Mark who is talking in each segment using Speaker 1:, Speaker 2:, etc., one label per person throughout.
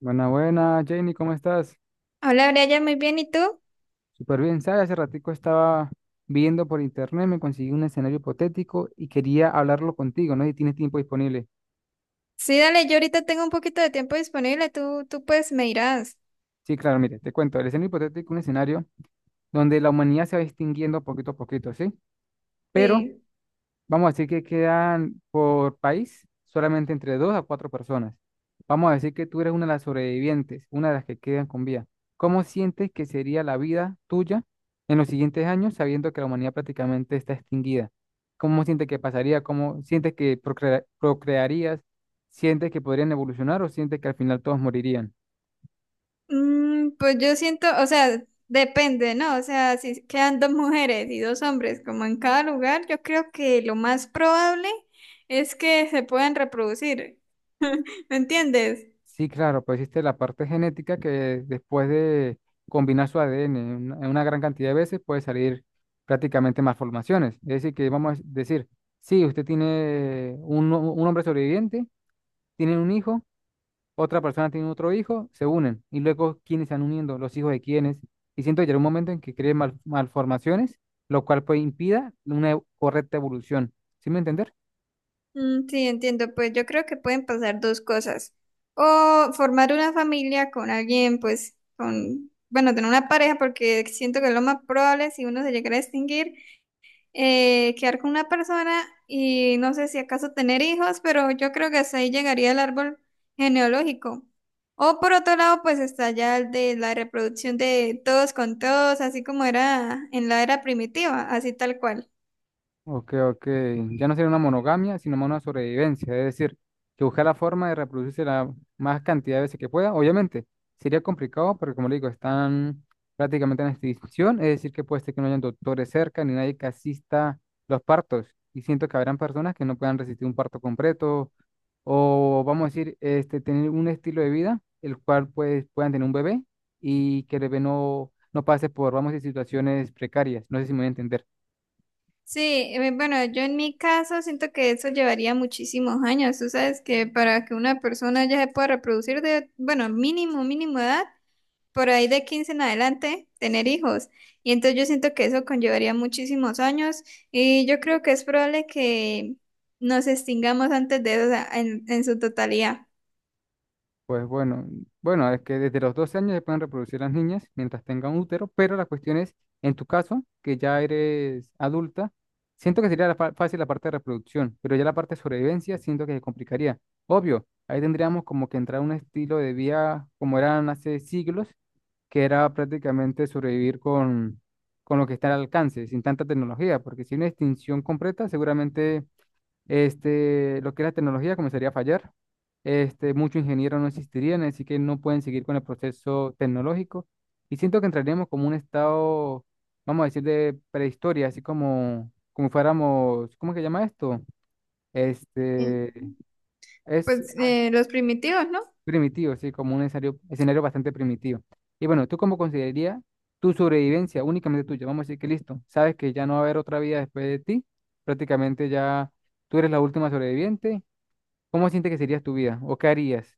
Speaker 1: Buena, buena, Jenny, ¿cómo estás?
Speaker 2: Hola, Brian, muy bien. ¿Y tú?
Speaker 1: Súper bien, ¿sabes? Hace ratico estaba viendo por internet, me conseguí un escenario hipotético y quería hablarlo contigo, ¿no? Si tienes tiempo disponible.
Speaker 2: Sí, dale, yo ahorita tengo un poquito de tiempo disponible. Tú pues me irás.
Speaker 1: Sí, claro, mire, te cuento, el escenario hipotético, es un escenario donde la humanidad se va extinguiendo poquito a poquito, ¿sí? Pero
Speaker 2: Sí.
Speaker 1: vamos a decir que quedan por país solamente entre dos a cuatro personas. Vamos a decir que tú eres una de las sobrevivientes, una de las que quedan con vida. ¿Cómo sientes que sería la vida tuya en los siguientes años, sabiendo que la humanidad prácticamente está extinguida? ¿Cómo sientes que pasaría? ¿Cómo sientes que procrearías? ¿Sientes que podrían evolucionar o sientes que al final todos morirían?
Speaker 2: Pues yo siento, o sea, depende, ¿no? O sea, si quedan dos mujeres y dos hombres como en cada lugar, yo creo que lo más probable es que se puedan reproducir. ¿Me entiendes?
Speaker 1: Sí, claro, pues existe la parte genética que después de combinar su ADN en una gran cantidad de veces puede salir prácticamente malformaciones. Es decir, que vamos a decir, sí, usted tiene un hombre sobreviviente, tiene un hijo, otra persona tiene otro hijo, se unen. Y luego, ¿quiénes se están uniendo? Los hijos de quiénes. Y siento que llegará un momento en que creen malformaciones, lo cual pues impida una correcta evolución. ¿Sí me entiendes?
Speaker 2: Mm, sí, entiendo. Pues yo creo que pueden pasar dos cosas: o formar una familia con alguien, pues, con, bueno, tener una pareja, porque siento que es lo más probable. Si uno se llegara a extinguir, quedar con una persona y no sé si acaso tener hijos, pero yo creo que hasta ahí llegaría el árbol genealógico. O por otro lado, pues está ya el de la reproducción de todos con todos, así como era en la era primitiva, así tal cual.
Speaker 1: Ok, ok. Ya no sería una monogamia, sino más una sobrevivencia. Es decir, que buscar la forma de reproducirse la más cantidad de veces que pueda. Obviamente, sería complicado porque, como le digo, están prácticamente en extinción. Es decir, que puede ser que no hayan doctores cerca ni nadie que asista los partos. Y siento que habrán personas que no puedan resistir un parto completo o, vamos a decir, tener un estilo de vida el cual pues, puedan tener un bebé y que el bebé no pase por, vamos a decir, situaciones precarias. No sé si me voy a entender.
Speaker 2: Sí, bueno, yo en mi caso siento que eso llevaría muchísimos años. Tú sabes que para que una persona ya se pueda reproducir, de, bueno, mínimo, mínimo edad, por ahí de 15 en adelante, tener hijos. Y entonces yo siento que eso conllevaría muchísimos años y yo creo que es probable que nos extingamos antes de eso, o sea, en su totalidad.
Speaker 1: Pues bueno, bueno, es que desde los 12 años se pueden reproducir las niñas mientras tengan útero, pero la cuestión es, en tu caso, que ya eres adulta, siento que sería la fácil la parte de reproducción, pero ya la parte de sobrevivencia siento que se complicaría. Obvio, ahí tendríamos como que entrar a un estilo de vida como eran hace siglos, que era prácticamente sobrevivir con lo que está al alcance, sin tanta tecnología, porque si hay una extinción completa, seguramente lo que es la tecnología comenzaría a fallar. Muchos ingenieros no existirían, así que no pueden seguir con el proceso tecnológico. Y siento que entraríamos como un estado, vamos a decir, de prehistoria, así como, como fuéramos, ¿cómo que se llama esto?
Speaker 2: Eh,
Speaker 1: Este, es
Speaker 2: Pues
Speaker 1: ah,
Speaker 2: los primitivos, ¿no?
Speaker 1: Primitivo, sí, como un escenario, escenario bastante primitivo. Y bueno, ¿tú cómo considerarías tu sobrevivencia únicamente tuya? Vamos a decir que listo, sabes que ya no va a haber otra vida después de ti, prácticamente ya tú eres la última sobreviviente. ¿Cómo sientes que sería tu vida? ¿O qué harías?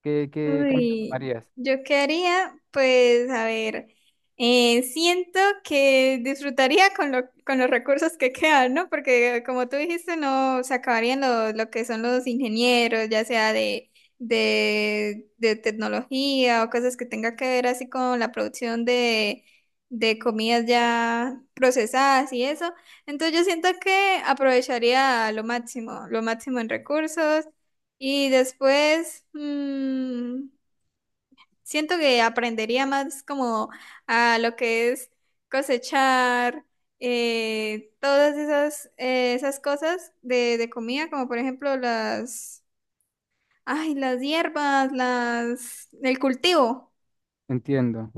Speaker 1: ¿Qué camino
Speaker 2: Uy,
Speaker 1: tomarías?
Speaker 2: yo qué haría, pues a ver, siento que disfrutaría con, con los recursos que quedan, ¿no? Porque como tú dijiste, no se acabarían lo que son los ingenieros, ya sea de, de tecnología o cosas que tenga que ver así con la producción de comidas ya procesadas y eso. Entonces yo siento que aprovecharía lo máximo en recursos. Y después, siento que aprendería más como a lo que es cosechar, todas esas, esas cosas de comida, como por ejemplo las, ay, las hierbas, las, el cultivo.
Speaker 1: Entiendo.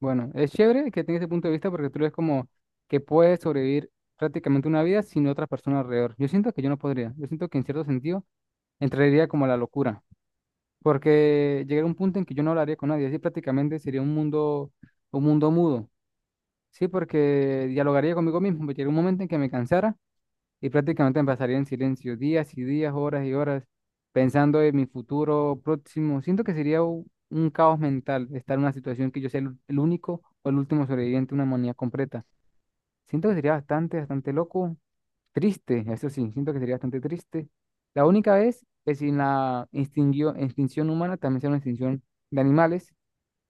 Speaker 1: Bueno, es chévere que tengas ese punto de vista porque tú eres como que puedes sobrevivir prácticamente una vida sin otra persona alrededor. Yo siento que yo no podría. Yo siento que en cierto sentido entraría como a la locura porque llegaría un punto en que yo no hablaría con nadie. Así prácticamente sería un mundo mudo. Sí, porque dialogaría conmigo mismo. Llegaría un momento en que me cansara y prácticamente me pasaría en silencio días y días, horas y horas, pensando en mi futuro próximo. Siento que sería un caos mental estar en una situación que yo sea el único o el último sobreviviente de una humanidad completa. Siento que sería bastante, bastante loco, triste, eso sí, siento que sería bastante triste. La única vez que sin la extinción humana también sea una extinción de animales.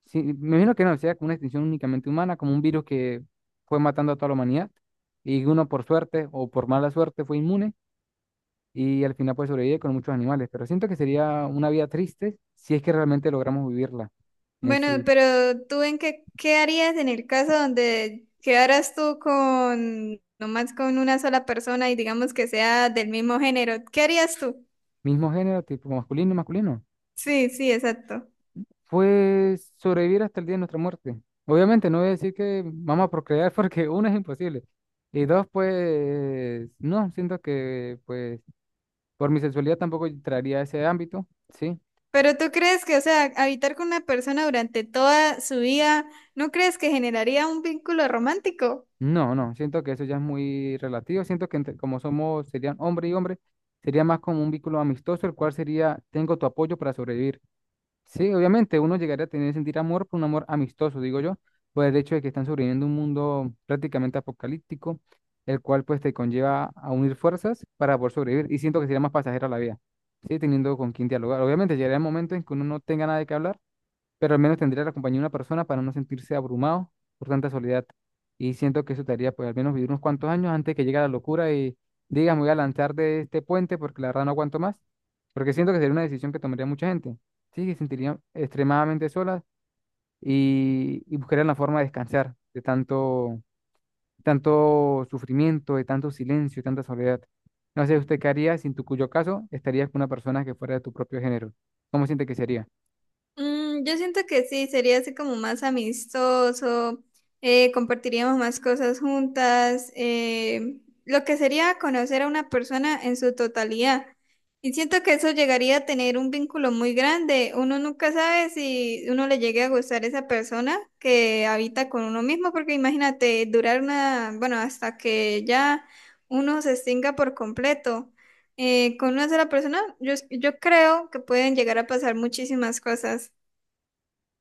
Speaker 1: Sí, me imagino que no, sea como una extinción únicamente humana, como un virus que fue matando a toda la humanidad y uno por suerte o por mala suerte fue inmune y al final pues sobrevive con muchos animales, pero siento que sería una vida triste si es que realmente logramos vivirla en
Speaker 2: Bueno,
Speaker 1: su
Speaker 2: pero tú en qué, qué harías en el caso donde quedaras tú con, nomás con una sola persona y digamos que sea del mismo género, ¿qué harías tú?
Speaker 1: mismo género, tipo masculino y masculino.
Speaker 2: Sí, sí, exacto.
Speaker 1: Pues sobrevivir hasta el día de nuestra muerte. Obviamente no voy a decir que vamos a procrear porque uno es imposible y dos pues no, siento que pues por mi sexualidad tampoco entraría a ese ámbito, ¿sí?
Speaker 2: Pero tú crees que, o sea, habitar con una persona durante toda su vida, ¿no crees que generaría un vínculo romántico?
Speaker 1: No, no, siento que eso ya es muy relativo, siento que como somos, serían hombre y hombre, sería más como un vínculo amistoso, el cual sería, tengo tu apoyo para sobrevivir. Sí, obviamente, uno llegaría a tener, sentir amor por un amor amistoso, digo yo, por el hecho de que están sobreviviendo un mundo prácticamente apocalíptico, el cual pues te conlleva a unir fuerzas para poder sobrevivir. Y siento que sería más pasajera la vida, ¿sí? Teniendo con quién dialogar. Obviamente llegará el momento en que uno no tenga nada de qué hablar, pero al menos tendría la compañía de una persona para no sentirse abrumado por tanta soledad. Y siento que eso te haría, pues, al menos vivir unos cuantos años antes de que llegue la locura y digas, me voy a lanzar de este puente porque la verdad no aguanto más. Porque siento que sería una decisión que tomaría mucha gente. Sí, que se sentirían extremadamente solas y buscarían la forma de descansar de tanto, tanto sufrimiento, de tanto silencio, de tanta soledad. No sé, ¿usted qué haría si en tu cuyo caso estarías con una persona que fuera de tu propio género? ¿Cómo siente que sería?
Speaker 2: Mm, yo siento que sí, sería así como más amistoso, compartiríamos más cosas juntas, lo que sería conocer a una persona en su totalidad. Y siento que eso llegaría a tener un vínculo muy grande. Uno nunca sabe si uno le llegue a gustar esa persona que habita con uno mismo, porque imagínate, durar una, bueno, hasta que ya uno se extinga por completo. Con una sola persona, yo creo que pueden llegar a pasar muchísimas cosas.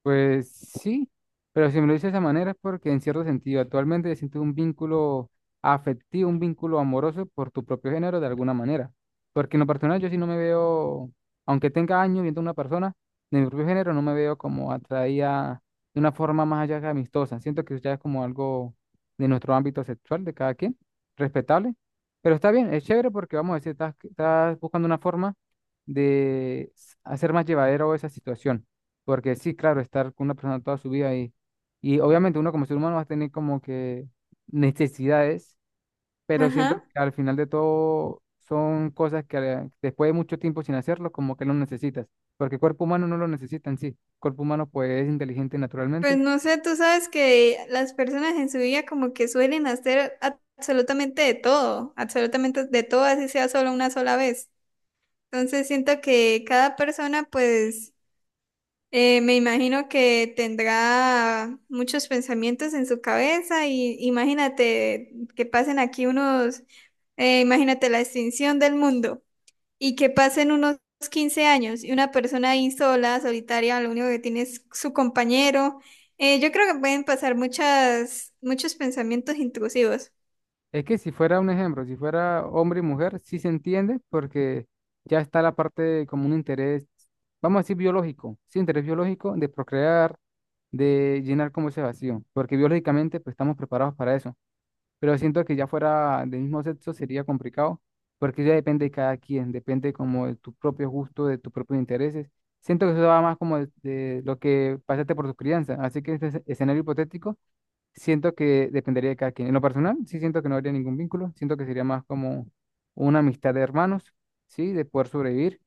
Speaker 1: Pues sí, pero si me lo dices de esa manera es porque en cierto sentido actualmente siento un vínculo afectivo, un vínculo amoroso por tu propio género de alguna manera. Porque en lo personal yo sí no me veo, aunque tenga años viendo a una persona de mi propio género, no me veo como atraída de una forma más allá que amistosa. Siento que ya es como algo de nuestro ámbito sexual de cada quien, respetable. Pero está bien, es chévere porque vamos a decir, estás, estás buscando una forma hacer más llevadero esa situación. Porque sí, claro, estar con una persona toda su vida y obviamente uno como ser humano va a tener como que necesidades, pero siento que
Speaker 2: Ajá.
Speaker 1: al final de todo son cosas que después de mucho tiempo sin hacerlo, como que no necesitas, porque el cuerpo humano no lo necesita en sí. El cuerpo humano pues es inteligente
Speaker 2: Pues
Speaker 1: naturalmente.
Speaker 2: no sé, tú sabes que las personas en su vida como que suelen hacer absolutamente de todo, así sea solo una sola vez. Entonces siento que cada persona pues me imagino que tendrá muchos pensamientos en su cabeza, y imagínate que pasen aquí unos, imagínate la extinción del mundo. Y que pasen unos 15 años y una persona ahí sola, solitaria, lo único que tiene es su compañero. Yo creo que pueden pasar muchos pensamientos intrusivos.
Speaker 1: Es que si fuera un ejemplo, si fuera hombre y mujer, sí se entiende porque ya está la parte de como un interés, vamos a decir biológico, sí, interés biológico de procrear, de llenar como ese vacío, porque biológicamente pues estamos preparados para eso, pero siento que ya fuera del mismo sexo sería complicado porque ya depende de cada quien, depende como de tu propio gusto, de tus propios intereses. Siento que eso va más como de lo que pasaste por tu crianza, así que este escenario hipotético. Siento que dependería de cada quien. En lo personal, sí siento que no habría ningún vínculo. Siento que sería más como una amistad de hermanos, ¿sí? De poder sobrevivir.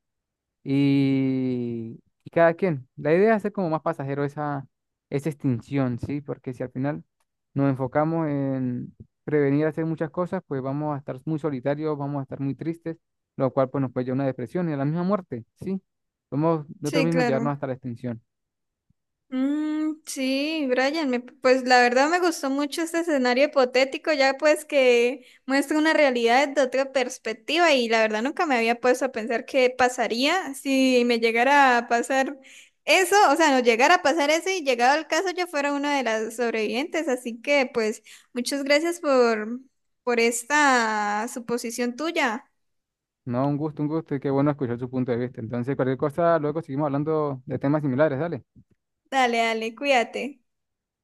Speaker 1: Y cada quien. La idea es hacer como más pasajero esa, esa extinción, ¿sí? Porque si al final nos enfocamos en prevenir hacer muchas cosas, pues vamos a estar muy solitarios, vamos a estar muy tristes, lo cual pues nos puede llevar a una depresión y a la misma muerte, ¿sí? Podemos nosotros
Speaker 2: Sí,
Speaker 1: mismos llevarnos
Speaker 2: claro.
Speaker 1: hasta la extinción.
Speaker 2: Mm, sí, Brian, pues la verdad me gustó mucho este escenario hipotético, ya pues que muestra una realidad de otra perspectiva y la verdad nunca me había puesto a pensar qué pasaría si me llegara a pasar eso, o sea, no llegara a pasar eso y llegado el caso yo fuera una de las sobrevivientes, así que pues muchas gracias por esta suposición tuya.
Speaker 1: No, un gusto y qué bueno escuchar su punto de vista. Entonces, cualquier cosa, luego seguimos hablando de temas similares, dale.
Speaker 2: Dale, dale, cuídate.